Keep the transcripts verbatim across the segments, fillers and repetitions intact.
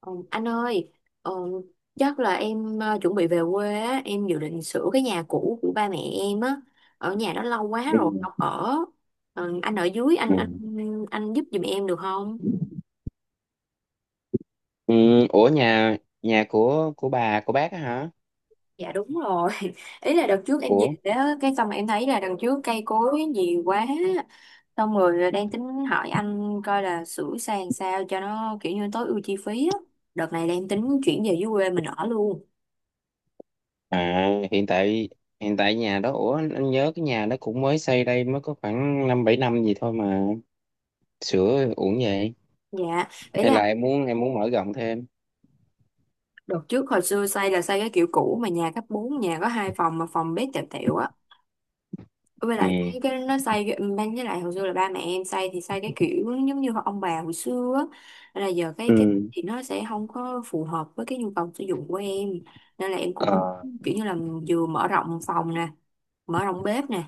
Ờ, Anh ơi, ờ, chắc là em ờ, chuẩn bị về quê á, em dự định sửa cái nhà cũ của ba mẹ em á, ở nhà đó lâu quá Ừ. rồi không ở. Ờ, anh ở dưới, anh Ừ. anh anh giúp giùm em được không? Ừ. Ủa nhà nhà của của bà của bác á hả? Dạ đúng rồi. Ý là đợt trước em về Ủa đó, cái xong em thấy là đằng trước cây cối nhiều quá. Xong rồi đang tính hỏi anh coi là sửa sang sao cho nó kiểu như tối ưu chi phí á. Đợt này đang tính chuyển về dưới quê mình ở luôn. à hiện tại hiện tại nhà đó, ủa anh nhớ cái nhà đó cũng mới xây đây, mới có khoảng năm bảy năm gì thôi mà sửa uổng vậy. Dạ, ý Hay là. là em muốn em muốn mở rộng thêm? Đợt trước hồi xưa xây là xây cái kiểu cũ, mà nhà cấp bốn, nhà có hai phòng mà phòng bếp tẹo tẹo á. Với Ừ. lại cái, cái nó xây cái- ban với lại hồi xưa là ba mẹ em xây thì xây cái kiểu giống như ông bà hồi xưa á. Nên là giờ cái Ừ. cái thì nó sẽ không có phù hợp với cái nhu cầu sử dụng của em, nên là em Ờ. cũng kiểu như là vừa mở rộng phòng nè, mở rộng bếp nè,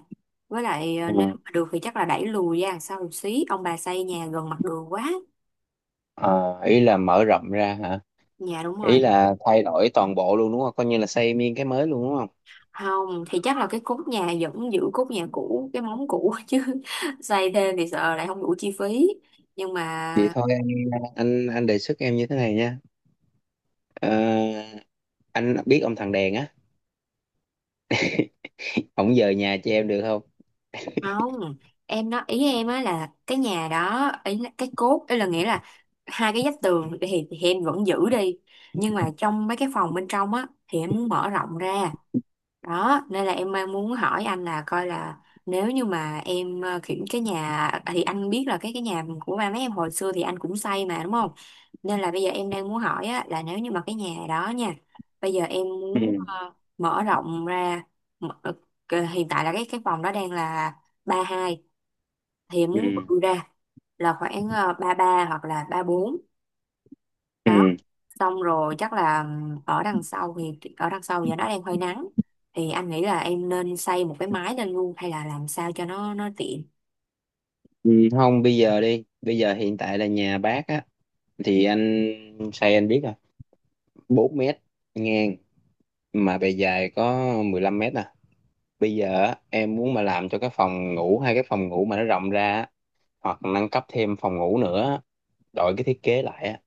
với lại ờ, Ờ. nếu mà được thì chắc là đẩy lùi ra đằng sau một xí, ông bà xây nhà gần mặt đường quá. Ờ, ý là mở rộng ra hả? Dạ đúng Ý rồi. là thay đổi toàn bộ luôn đúng không, coi như là xây miên cái mới luôn đúng không? Không thì chắc là cái cốt nhà vẫn giữ cốt nhà cũ, cái móng cũ chứ xây thêm thì sợ lại không đủ chi phí. Nhưng Vậy mà thôi, anh anh anh đề xuất em như thế này nha. Ờ, anh biết ông thằng Đèn á. Không, giờ nhà cho em được không? không, em nói ý em á là cái nhà đó, ý là cái cốt, ý là nghĩa là hai cái vách tường thì, thì em vẫn giữ đi, nhưng mà trong mấy cái phòng bên trong á thì em muốn mở rộng ra. Đó, nên là em đang muốn hỏi anh là coi là nếu như mà em ờ, kiểu cái nhà à, thì anh biết là cái cái nhà của ba mấy em hồi xưa thì anh cũng xây mà đúng không. Nên là bây giờ em đang muốn hỏi á, là nếu như mà cái nhà đó nha, bây giờ em Ừ. muốn ờ, mở rộng ra. mở, ờ, ờ, Hiện tại là cái cái phòng đó đang là ba hai, thì em Ừ. muốn bự ra là khoảng ờ, ba ba hoặc là ba bốn. Đó, Ừ. xong rồi chắc là ở đằng sau, thì ở đằng sau giờ nó đang hơi nắng, thì anh nghĩ là em nên xây một cái mái lên luôn hay là làm sao cho nó nó tiện. Ừ, không bây giờ đi, bây giờ hiện tại là nhà bác á, thì anh say anh biết rồi. Bốn mét ngang, mà bề dài có mười lăm mét à. Bây giờ á, em muốn mà làm cho cái phòng ngủ hai cái phòng ngủ mà nó rộng ra á, hoặc nâng cấp thêm phòng ngủ nữa, đổi cái thiết kế lại á,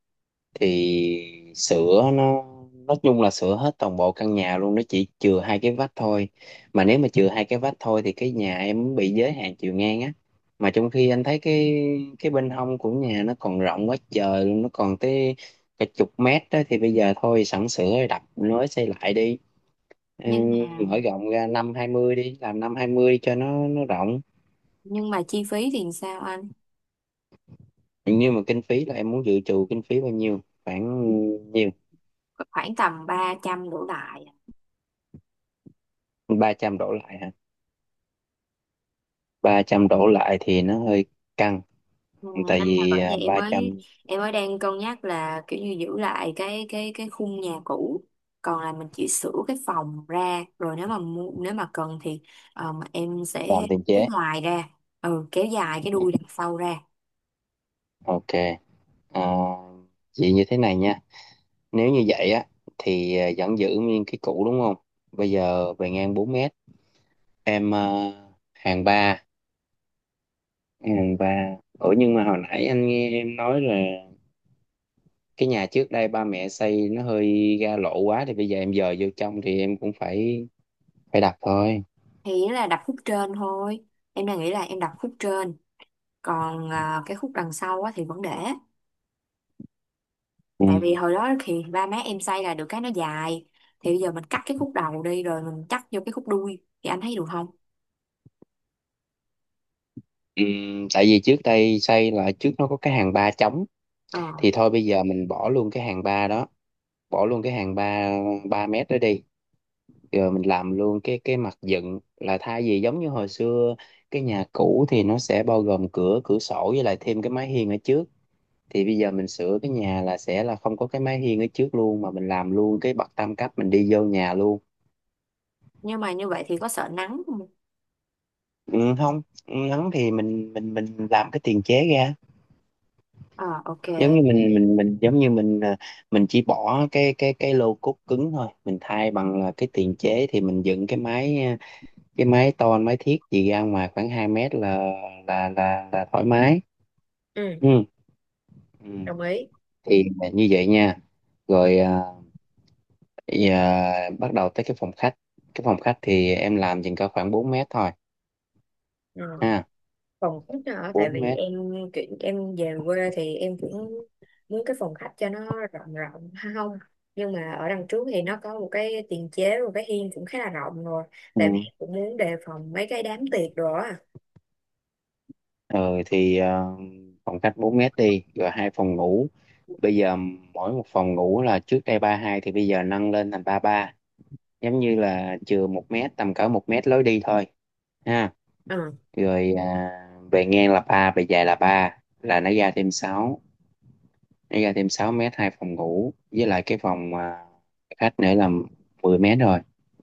thì sửa nó, nói chung là sửa hết toàn bộ căn nhà luôn, nó chỉ chừa hai cái vách thôi. Mà nếu mà chừa hai cái vách thôi thì cái nhà em bị giới hạn chiều ngang á, mà trong khi anh thấy cái cái bên hông của nhà nó còn rộng quá trời luôn, nó còn tới cả chục mét đó, thì bây giờ thôi sẵn sửa rồi đập nối xây lại đi. Ừ, nhưng mà mở rộng ra năm hai mươi đi làm năm hai mươi đi cho nó nó rộng. nhưng mà chi phí thì sao anh? Nhưng mà kinh phí là em muốn dự trù kinh phí bao nhiêu, khoảng nhiêu? Khoảng tầm ba trăm đổ lại. Ba trăm đổ lại hả? Ba trăm đổ lại thì nó hơi căng, Ừ, tại anh, là vì bởi vậy à, em ba mới trăm. em mới đang cân nhắc là kiểu như giữ lại cái cái cái khung nhà cũ, còn là mình chỉ sửa cái phòng ra, rồi nếu mà mu- nếu mà cần thì ờ, mà em sẽ Làm tiền kéo chế. ngoài ra, ừ, kéo dài cái đuôi đằng sau ra. Ok, à, vậy như thế này nha. Nếu như vậy á, thì à, vẫn giữ nguyên cái cũ đúng không. Bây giờ về ngang bốn mét, em à, hàng ba, hàng ba, ủa nhưng mà hồi nãy anh nghe em nói là cái nhà trước đây ba mẹ xây nó hơi ra lộ quá, thì bây giờ em dời vô trong thì em cũng phải phải đặt thôi. Thì nó là đập khúc trên thôi, em đang nghĩ là em đập khúc trên, còn à, cái khúc đằng sau á, thì vẫn để. Ừ. Tại vì hồi đó thì ba má em xây là được cái nó dài, thì bây giờ mình cắt cái khúc đầu đi rồi mình cắt vô cái khúc đuôi thì anh thấy được không? Ừ, tại vì trước đây xây là trước nó có cái hàng ba trống, ờ thì thôi bây giờ mình bỏ luôn cái hàng ba đó, bỏ luôn cái hàng ba ba mét đó đi, rồi mình làm luôn cái cái mặt dựng là thay vì giống như hồi xưa cái nhà cũ thì nó sẽ bao gồm cửa, cửa sổ với lại thêm cái mái hiên ở trước, thì bây giờ mình sửa cái nhà là sẽ là không có cái mái hiên ở trước luôn, mà mình làm luôn cái bậc tam cấp mình đi vô nhà luôn. nhưng mà như vậy thì có sợ nắng không? Ừ, không, ngắn thì mình mình mình làm cái tiền chế ra, Ờ, ok. giống như mình mình mình giống như mình à, mình chỉ bỏ cái cái cái lô cốt cứng thôi, mình thay bằng là cái tiền chế, thì mình dựng cái máy à, cái máy to máy thiết gì ra ngoài khoảng hai mét là là là là thoải mái. Ừ, Ừ. Ừ. đồng ý. Thì là như vậy nha, rồi à, bây giờ bắt đầu tới cái phòng khách. Cái phòng khách thì em làm chừng có khoảng bốn mét thôi Ừ. ha. Phòng khách đó, hả? Tại Bốn vì mét. em chuyển em về quê thì em cũng muốn cái phòng khách cho nó rộng rộng ha không. Nhưng mà ở đằng trước thì nó có một cái tiền chế, một cái hiên cũng khá là rộng rồi. Tại vì Ừ. em cũng muốn đề phòng mấy cái đám tiệc rồi á. Rồi thì à, phòng khách bốn mét đi, rồi hai phòng ngủ. Bây giờ mỗi một phòng ngủ là trước đây ba hai, thì bây giờ nâng lên thành ba ba, giống như là chừa một mét, tầm cỡ một mét lối đi thôi ha. À. Rồi à, về ngang là ba, về dài là ba, là nó ra thêm sáu nó ra thêm sáu mét, hai phòng ngủ với lại cái phòng à, khách nữa là mười mét rồi.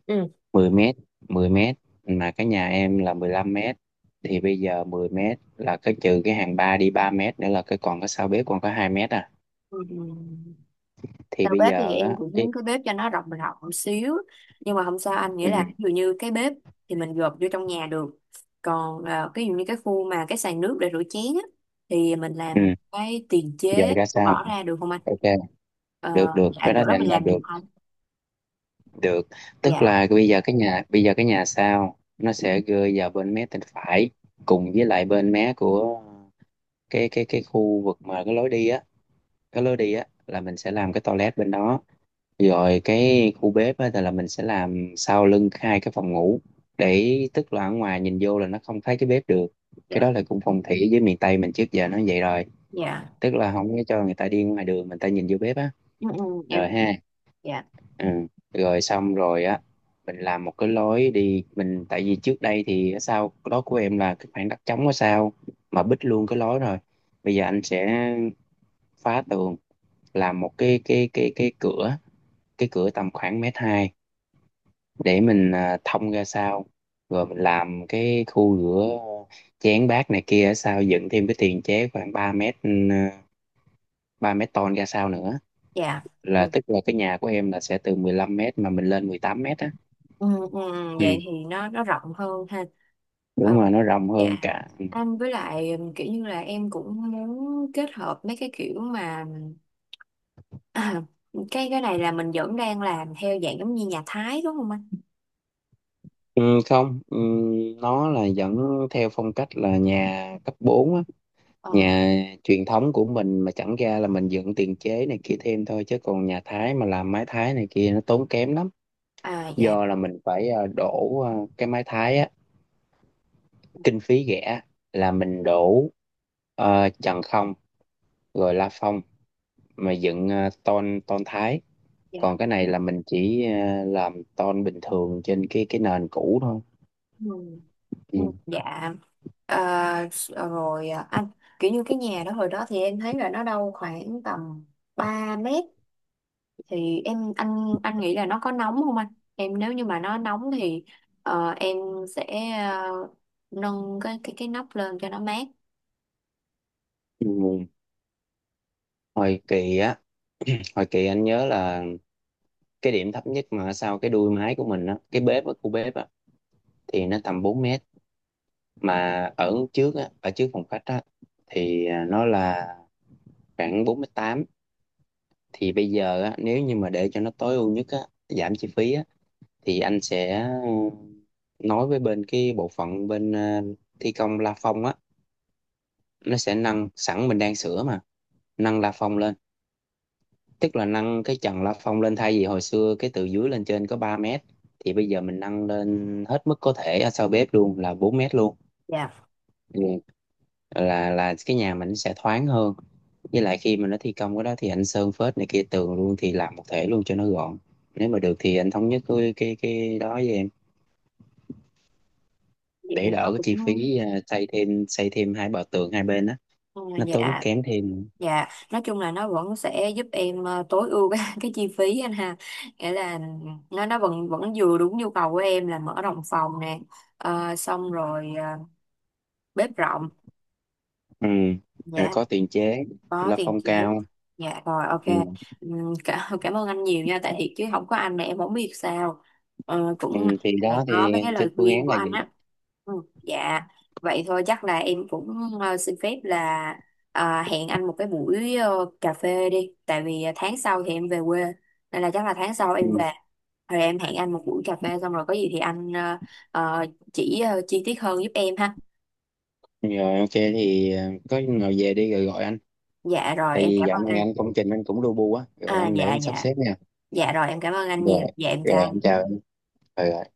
Ừ. Mười mét, mười mét, mà cái nhà em là mười lăm mét, thì bây giờ mười mét là cái trừ cái hàng ba đi ba mét nữa là cái còn có sau bếp, còn có hai mét à. Ừ. Thì Đầu bây bếp thì giờ em á cũng cái. muốn cái bếp cho nó rộng rộng một xíu, nhưng mà không sao anh, nghĩa Ừ, là ví dụ như cái bếp thì mình gộp vô trong nhà được. Còn ờ, cái ví dụ như cái khu mà cái sàn nước để rửa chén á, thì mình làm ừ. cái tiền Giờ chế, ra sao? bỏ ra được không anh? Ok, ờ, được được dạ, cái đó chỗ thì đó mình anh làm làm được được không? được Tức Dạ. là bây giờ cái nhà, bây giờ cái nhà sao, nó sẽ rơi vào bên mé bên phải, cùng với lại bên mé của cái cái cái khu vực mà cái lối đi á. Cái lối đi á là mình sẽ làm cái toilet bên đó, rồi cái khu bếp á thì là mình sẽ làm sau lưng hai cái phòng ngủ, để tức là ở ngoài nhìn vô là nó không thấy cái bếp được. Cái đó Dạ. là cũng phong thủy với miền Tây mình trước giờ nó vậy rồi, Dạ. tức là không có cho người ta đi ngoài đường người ta nhìn vô bếp á. Ừ, ừ, em Rồi hiểu. ha. Dạ. Ừ. Rồi xong rồi á, mình làm một cái lối đi, mình tại vì trước đây thì ở sau đó của em là cái khoảng đất trống ở sau mà bít luôn cái lối rồi. Bây giờ anh sẽ phá tường, làm một cái cái cái cái cửa, cái cửa tầm khoảng mét hai, để mình à, thông ra sau, rồi mình làm cái khu rửa chén bát này kia ở sau, dựng thêm cái tiền chế khoảng ba mét, ừ, ba mét tôn ra sau nữa, Dạ, là được. tức là cái nhà của em là sẽ từ mười lăm mét mà mình lên mười tám mét á. Ừ, ừ, ừ, Ừ. vậy thì nó nó rộng hơn ha. Đúng Ờ, rồi, nó rộng hơn dạ, cả, anh với lại ừm, kiểu như là em cũng muốn kết hợp mấy cái kiểu mà à, cái cái này là mình vẫn đang làm theo dạng giống như nhà Thái đúng không anh? ừ, không, ừ, nó là vẫn theo phong cách là nhà cấp bốn á, Ờ, nhà truyền thống của mình mà chẳng ra là mình dựng tiền chế này kia thêm thôi, chứ còn nhà Thái mà làm mái Thái này kia nó tốn kém lắm. à dạ, Do là mình phải ờ, đổ ờ, cái mái Thái á, kinh phí rẻ là mình đổ ờ, trần không, rồi la phong mà dựng ờ, tôn tôn Thái. dạ. Còn cái này là mình chỉ ờ, làm tôn bình thường trên cái cái nền cũ thôi. Ừ, ừ, Ừ. dạ, ờ, s- ờ, rồi à, anh, kiểu như cái nhà đó hồi đó thì em thấy là nó đâu khoảng tầm ba mét, thì em, anh anh nghĩ là nó có nóng không anh? Em nếu như mà nó nóng thì ờ, em sẽ ờ, nâng cái cái cái nóc lên cho nó mát. Ừ. hồi kỳ á hồi kỳ anh nhớ là cái điểm thấp nhất mà sau cái đuôi máy của mình á, cái bếp á khu bếp á, thì nó tầm bốn mét, mà ở trước á ở trước phòng khách á, thì à, nó là khoảng bốn mét tám. Thì bây giờ á, nếu như mà để cho nó tối ưu nhất á, giảm chi phí á, thì anh sẽ nói với bên cái bộ phận bên à, thi công la phong á, nó sẽ nâng sẵn mình đang sửa mà, nâng la phong lên, tức là nâng cái trần la phong lên, thay vì hồi xưa cái từ dưới lên trên có ba mét, thì bây giờ mình nâng lên hết mức có thể ở sau bếp luôn là bốn mét luôn. Dạ, Ừ. là là cái nhà mình sẽ thoáng hơn, với lại khi mà nó thi công cái đó thì anh sơn phết này kia tường luôn thì làm một thể luôn cho nó gọn. Nếu mà được thì anh thống nhất cái cái cái đó với em, vậy thì để nó đỡ cái cũng chi phí à, xây thêm xây thêm hai bờ tường hai bên á, à, nó tốn dạ, kém thêm. dạ, nói chung là nó vẫn sẽ giúp em ờ, tối ưu cái, cái chi phí anh ha, nghĩa là nó nó vẫn vẫn vừa đúng nhu cầu của em là mở đồng phòng nè, ờ, xong rồi ờ, bếp rộng. Ừ. Rồi Dạ, có tiền chế, có la tiền phong chị hết. cao. Dạ, rồi ok. Ừ. Ừm, cả, cảm ơn anh nhiều nha, tại thiệt chứ không có anh là em không biết sao. Ờ, Ừ. cũng may Thì là đó có thì mấy cái trên lời phương khuyên án của là anh gì. á. Ừ, dạ. Vậy thôi chắc là em cũng ờ, xin phép là ờ, hẹn anh một cái buổi ờ, cà phê đi, tại vì ờ, tháng sau thì em về quê, nên là chắc là tháng sau em về, rồi em hẹn anh một buổi cà phê xong rồi có gì thì anh ờ, ờ, chỉ ờ, chi tiết hơn giúp em ha. Rồi ok thì ờ, có nào về đi rồi gọi anh. Dạ rồi Tại em vì cảm dạo ơn này anh. anh công trình anh cũng lu bu á, rồi À anh để dạ, anh sắp dạ. xếp nha. Dạ rồi em cảm ơn anh nhiều. Rồi, Dạ em chào rồi anh anh. chào. Em. Ừ.